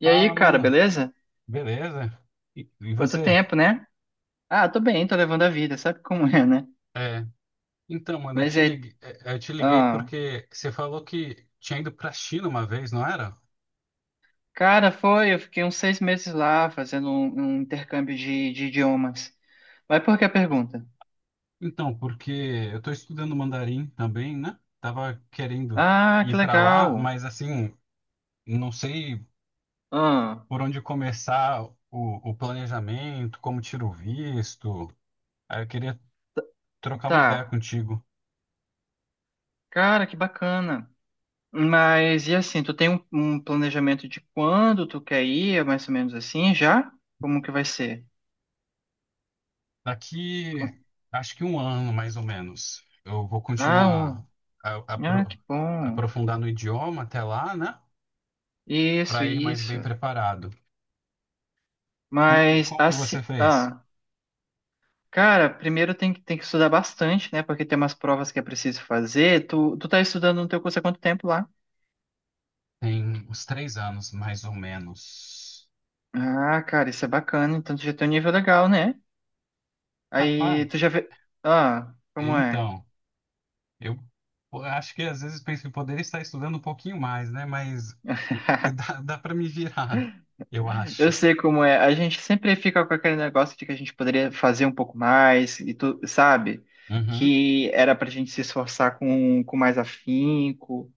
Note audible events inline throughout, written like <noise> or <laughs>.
E aí, Fala, cara, mano. beleza? Beleza? E Quanto você? tempo, né? Tô bem, tô levando a vida, sabe como é, né? É, então, mano, eu Mas te é. liguei, é, eu te liguei Ah, porque você falou que tinha ido pra China uma vez, não era? Foi, eu fiquei uns seis meses lá fazendo um intercâmbio de idiomas. Mas por que a pergunta? Então, porque eu tô estudando mandarim também, né? Tava querendo Ah, que ir pra lá, legal. mas assim, não sei Ah, por onde começar o planejamento, como tiro o visto. Aí eu queria trocar uma ideia tá. contigo. Cara, que bacana. Mas e assim, tu tem um planejamento de quando tu quer ir, é mais ou menos assim, já? Como que vai ser? Daqui, Com- acho que um ano mais ou menos, eu vou Ah, continuar um- a, a ah, apro- que bom. aprofundar no idioma até lá, né? Isso, Para ir mais isso. bem preparado. Como que, Mas como que assim, você fez? Cara, primeiro tem que estudar bastante, né? Porque tem umas provas que é preciso fazer. Tu tá estudando no teu curso há quanto tempo lá? Tem uns 3 anos mais ou menos. Ah, cara, isso é bacana. Então tu já tem um nível legal, né? Rapaz, Aí tu já vê. Ah, como é? então, eu eu acho que às vezes penso que poderia estar estudando um pouquinho mais, né? Mas <laughs> dá para me virar, eu acho. Eu sei como é. A gente sempre fica com aquele negócio de que a gente poderia fazer um pouco mais, e tu sabe? Uhum. Que era pra gente se esforçar com mais afinco.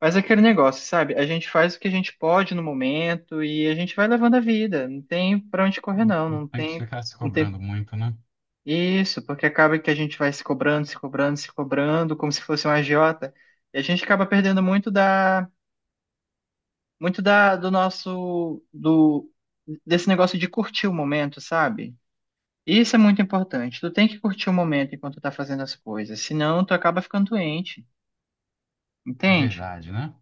Mas é aquele negócio, sabe? A gente faz o que a gente pode no momento e a gente vai levando a vida. Não tem pra onde correr, não. Não Não tem que tem, ficar se não tem cobrando muito, né? isso, porque acaba que a gente vai se cobrando, se cobrando, se cobrando, como se fosse um agiota. E a gente acaba perdendo muito do nosso, desse negócio de curtir o momento, sabe? Isso é muito importante. Tu tem que curtir o momento enquanto tu tá fazendo as coisas, senão tu acaba ficando doente, É entende? verdade, né?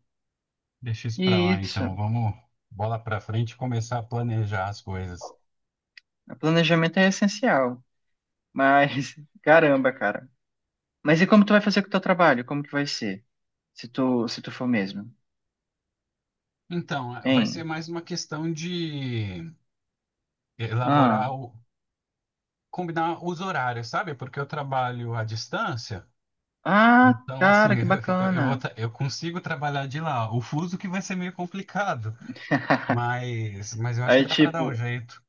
Deixa isso para E lá, então. isso, Vamos bola para frente e começar a planejar as coisas. o planejamento é essencial. Mas, <laughs> caramba, cara. Mas e como tu vai fazer com o teu trabalho? Como que vai ser? Se tu for mesmo, Então, vai ser hein? mais uma questão de elaborar Ah, combinar os horários, sabe? Porque eu trabalho à distância, ah, então assim, cara, que <laughs> eu, eu, eu vou bacana. tra- eu consigo trabalhar de lá. O fuso que vai ser meio complicado, <laughs> mas eu acho que Aí, dá para dar um jeito.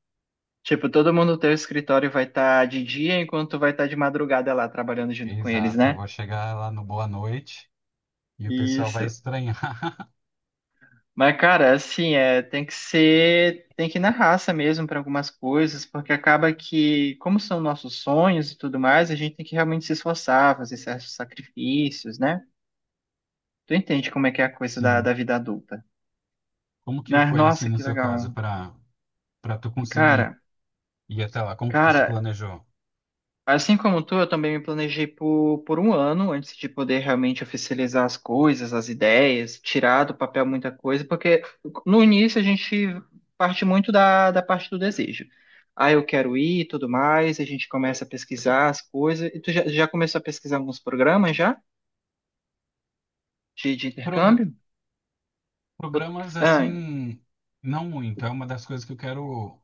tipo, todo mundo no teu escritório vai estar de dia enquanto tu vai estar de madrugada lá trabalhando junto com eles, Exato, eu né? vou chegar lá no Boa Noite e o pessoal vai Isso. estranhar. <laughs> Mas, cara, assim, é, tem que ir na raça mesmo para algumas coisas, porque acaba que, como são nossos sonhos e tudo mais, a gente tem que realmente se esforçar, fazer certos sacrifícios, né? Tu entende como é que é a coisa da Sim. vida adulta. Como que Né? foi assim Nossa, no que seu caso legal. para tu conseguir? Cara, E até lá, como que tu se cara, planejou? assim como tu, eu também me planejei por um ano antes de poder realmente oficializar as coisas, as ideias, tirar do papel muita coisa, porque no início a gente parte muito da parte do desejo. Ah, eu quero ir e tudo mais, a gente começa a pesquisar as coisas. E tu já começou a pesquisar alguns programas já? De Progra- intercâmbio? Ou- programas Ah, assim, não muito. É uma das coisas que eu quero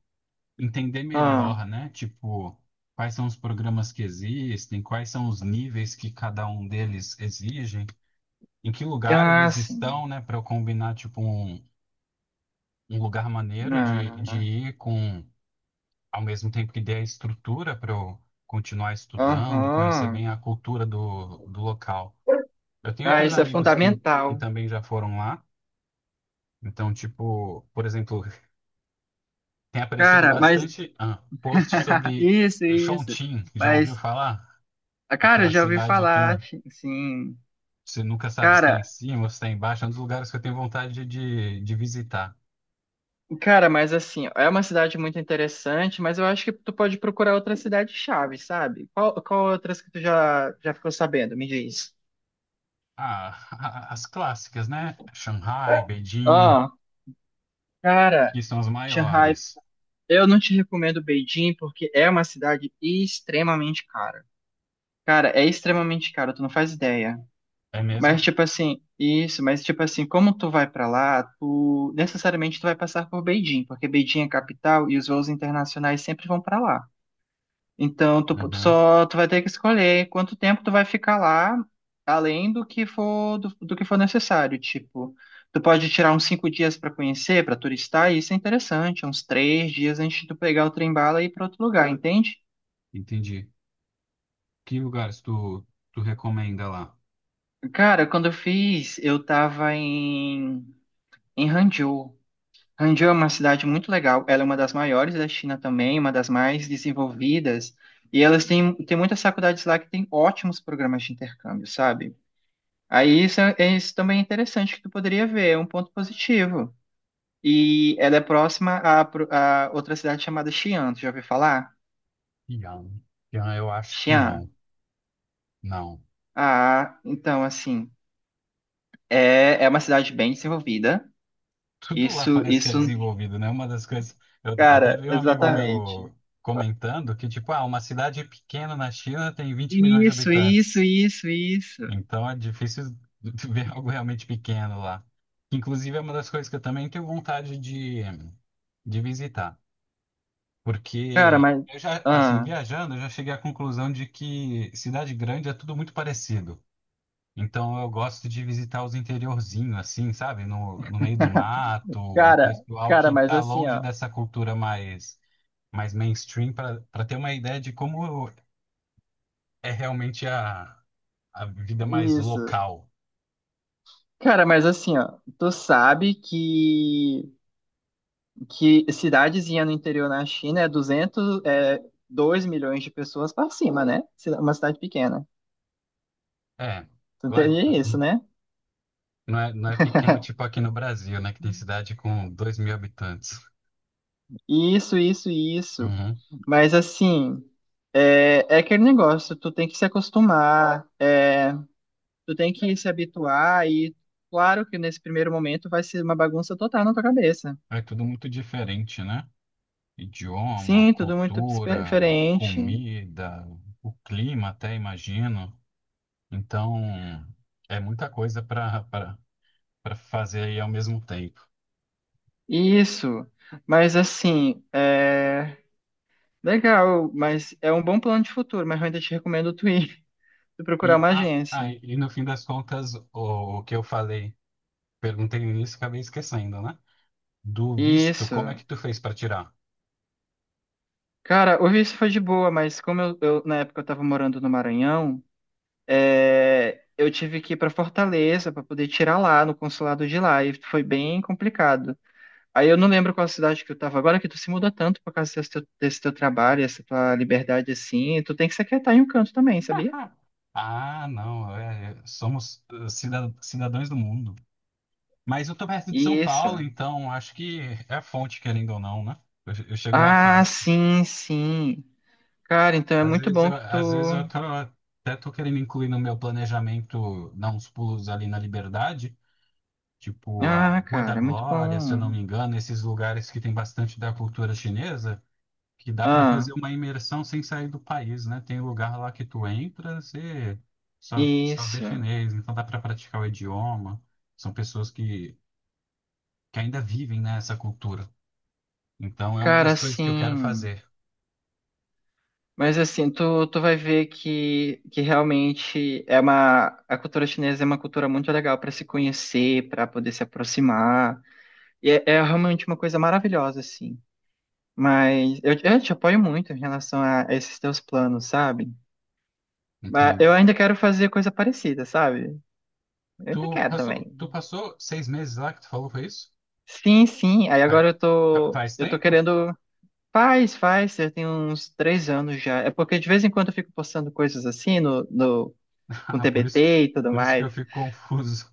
entender ah, melhor, né? Tipo, quais são os programas que existem, quais são os níveis que cada um deles exigem, em que lugar eles sim. estão, né? Para eu combinar, tipo, um lugar maneiro de Ah. ir com, ao mesmo tempo que dê a estrutura para eu continuar estudando, conhecer Aham. bem a cultura do local. Eu tenho Ah, outros isso é amigos que fundamental. também já foram lá. Então, tipo, por exemplo, tem aparecido Cara, mas. bastante post <laughs> sobre Isso, isso. Chongqing. Já ouviu Mas, falar? ah, cara, eu Aquela já ouvi cidade falar, que sim. você nunca sabe se está em Cara, cima ou se está embaixo. É um dos lugares que eu tenho vontade de visitar. cara, mas assim, é uma cidade muito interessante, mas eu acho que tu pode procurar outra cidade chave, sabe? Qual outras que tu já ficou sabendo? Me diz. Ah, <laughs> as clássicas, né? Shanghai, Beijing, Ah, cara, que são as Shanghai, maiores. eu não te recomendo Beijing porque é uma cidade extremamente cara. Cara, é extremamente caro, tu não faz ideia. É mesmo? Mas tipo assim, como tu vai pra lá, tu vai passar por Beijing, porque Beijing é capital e os voos internacionais sempre vão pra lá. Então Uhum, tu vai ter que escolher quanto tempo tu vai ficar lá, além do que for do que for necessário. Tipo, tu pode tirar uns cinco dias pra conhecer, pra turistar, e isso é interessante, uns três dias antes de tu pegar o trem-bala e ir pra outro lugar, entende? entendi. Que lugares tu recomenda lá? Cara, quando eu fiz, eu tava em Hangzhou. Hangzhou é uma cidade muito legal. Ela é uma das maiores da China também, uma das mais desenvolvidas. E elas têm muitas faculdades lá que têm ótimos programas de intercâmbio, sabe? Aí isso, é, é isso também é interessante que tu poderia ver, é um ponto positivo. E ela é próxima a, a outra cidade chamada Xi'an. Tu já ouviu falar? Yang. Yang, eu acho que Xi'an. não. Não. Ah, então, assim, é uma cidade bem desenvolvida. Tudo lá Isso, parece que é isso, desenvolvido, né? Uma das coisas. Eu até cara, vi um amigo exatamente. meu comentando que, tipo, uma cidade pequena na China tem 20 milhões de Isso, isso, habitantes. isso, isso. Então é difícil <laughs> ver algo realmente pequeno lá. Inclusive, é uma das coisas que eu também tenho vontade de visitar. Cara, Porque mas. eu já, assim, Ah. viajando, eu já cheguei à conclusão de que cidade grande é tudo muito parecido. Então eu gosto de visitar os interiorzinhos, assim, sabe? No meio do mato, o Cara, pessoal cara, que mas tá assim, longe ó, dessa cultura mais mainstream, para ter uma ideia de como é realmente a vida mais isso. local. Cara, mas assim, ó, tu sabe que cidadezinha no interior na China é 200, é 2 milhões de pessoas pra cima, né? Uma cidade pequena. É, Tu lá- entende isso, né? não é pequeno tipo aqui no Brasil, né? Que tem cidade com 2 mil habitantes. Isso, isso, isso. Uhum. Mas assim, é, é aquele negócio, tu tem que se acostumar, é, tu tem que se habituar e claro que nesse primeiro momento vai ser uma bagunça total na tua cabeça. É tudo muito diferente, né? Idioma, Sim, tudo muito cultura, diferente. comida, o clima até, imagino. Então, é muita coisa para fazer aí ao mesmo tempo. Isso, mas assim, é legal, mas é um bom plano de futuro, mas eu ainda te recomendo tu ir, <laughs> tu procurar E, uma ah, ah, agência. e no fim das contas, o que eu falei, perguntei no início, e acabei esquecendo, né? Do visto, como é que Isso. tu fez para tirar? Cara, o visto foi de boa, mas como na época eu tava morando no Maranhão, é, eu tive que ir pra Fortaleza pra poder tirar lá no consulado de lá, e foi bem complicado. Aí eu não lembro qual cidade que eu tava agora, que tu se muda tanto por causa desse teu trabalho, essa tua liberdade assim, tu tem que se aquietar em um canto também, sabia? <laughs> Ah, não, somos cidadãos do mundo. Mas eu tô perto de São Isso. Paulo, então acho que é fonte, querendo ou não, né? Eu chego lá Ah, fácil. sim, sim. Cara, então é muito bom que Às vezes eu tu. Tô querendo incluir no meu planejamento dar uns pulos ali na Liberdade, tipo a Ah, Rua da cara, é muito Glória, se eu não me bom. engano, esses lugares que tem bastante da cultura chinesa, que dá para Ah, fazer uma imersão sem sair do país, né? Tem lugar lá que tu entra, você só vê isso. chinês, então dá para praticar o idioma. São pessoas que ainda vivem, né, essa cultura. Então é uma Cara, das coisas que eu quero sim. fazer. Mas assim, tu vai ver que realmente é uma. A cultura chinesa é uma cultura muito legal para se conhecer, para poder se aproximar. E é, é realmente uma coisa maravilhosa, assim. Mas eu te apoio muito em relação a esses teus planos, sabe? Mas eu Entendi. ainda quero fazer coisa parecida, sabe? Eu Tu ainda quero passou, também. tu passou 6 meses lá que tu falou, foi isso? Sim, sim. Aí Faz, agora faz eu tô tempo? <laughs> querendo. Faz, faz. Já tem uns três anos já. É porque de vez em quando eu fico postando coisas assim no, no, com Ah, por isso, TBT e tudo por isso que mais. eu fico confuso.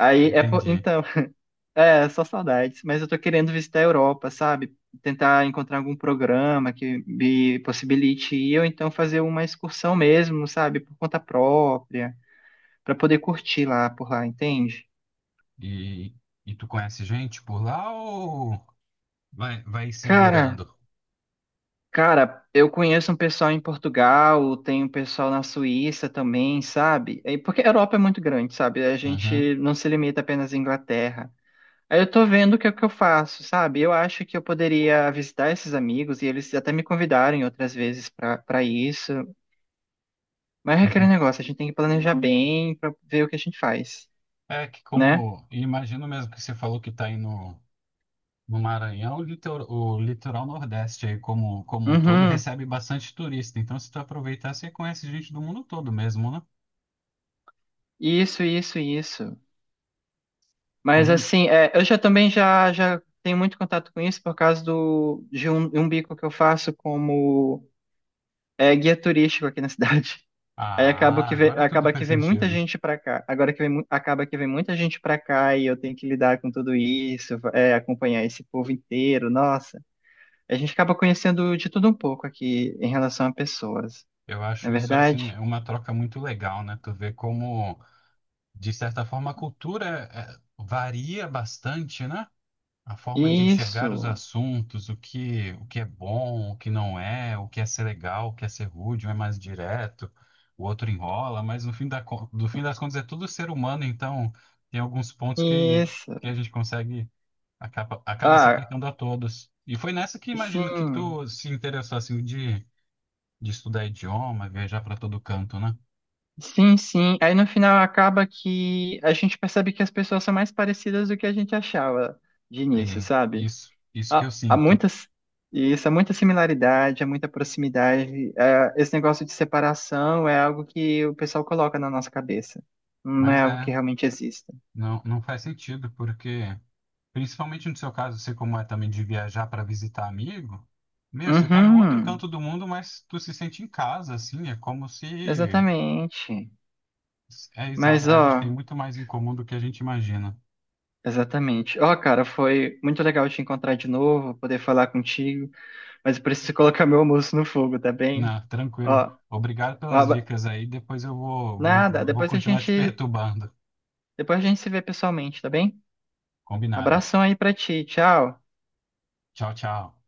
<laughs> é, Entendi. então, <laughs> é só saudades. Mas eu tô querendo visitar a Europa, sabe? Tentar encontrar algum programa que me possibilite ir, ou então fazer uma excursão mesmo, sabe? Por conta própria, pra poder curtir lá por lá, entende? E, e tu conhece gente por lá ou vai se Cara, virando? Cara, eu conheço um pessoal em Portugal, tem um pessoal na Suíça também, sabe? É, porque a Europa é muito grande, sabe? A Uhum, gente não se limita apenas à Inglaterra. Aí eu tô vendo o que é que eu faço, sabe? Eu acho que eu poderia visitar esses amigos e eles até me convidarem outras vezes pra para isso. Mas é aquele entendi. negócio, a gente tem que planejar bem pra ver o que a gente faz, É que né? como, imagino mesmo que você falou que tá aí no, no Maranhão, o litoral Nordeste aí como um todo Uhum. recebe bastante turista. Então se tu aproveitar, você conhece gente do mundo todo mesmo, né? Isso, isso, isso. Mas Combina- assim, é, eu já também já, já tenho muito contato com isso por causa do, de um bico que eu faço como é, guia turístico aqui na <laughs> cidade. Aí Ah, agora tudo acaba que faz vem muita sentido. gente para cá. Agora que acaba que vem muita gente para cá e eu tenho que lidar com tudo isso, é, acompanhar esse povo inteiro. Nossa, a gente acaba conhecendo de tudo um pouco aqui em relação a pessoas, Eu não acho é isso verdade? assim é uma troca muito legal, né? Tu vê como, de certa forma, a cultura varia bastante, né? A forma de enxergar os Isso, assuntos, o que é bom, o que não é, o que é ser legal, o que é ser rude, um é mais direto, o outro enrola, mas no fim das contas é tudo ser humano, então tem alguns pontos que a isso. gente acaba se Ah, aplicando a todos. E foi nessa que imagino que sim. tu se interessou assim de estudar idioma, viajar para todo canto, né? Sim, sim. Aí no final acaba que a gente percebe que as pessoas são mais parecidas do que a gente achava de É início, sabe? isso que Há, eu há sinto. muitas, isso, há muita similaridade, há muita proximidade. É, esse negócio de separação é algo que o pessoal coloca na nossa cabeça. Não é Mas algo que realmente exista. não, não faz sentido, porque, principalmente no seu caso, você como é também de viajar para visitar amigo, meu, você tá no outro Uhum, canto do mundo, mas tu se sente em casa, assim, é como se. exatamente. É exato, Mas, a gente tem ó, muito mais em comum do que a gente imagina. exatamente. Ó, cara, foi muito legal te encontrar de novo, poder falar contigo, mas eu preciso <laughs> colocar meu almoço no fogo, tá bem? Não, tranquilo. Ó, Obrigado Um pelas abra- dicas aí, depois eu vou, vou, nada, vou continuar te <laughs> perturbando. depois a gente se vê pessoalmente, tá bem? Combinado. Abração aí pra ti, tchau. Tchau, tchau.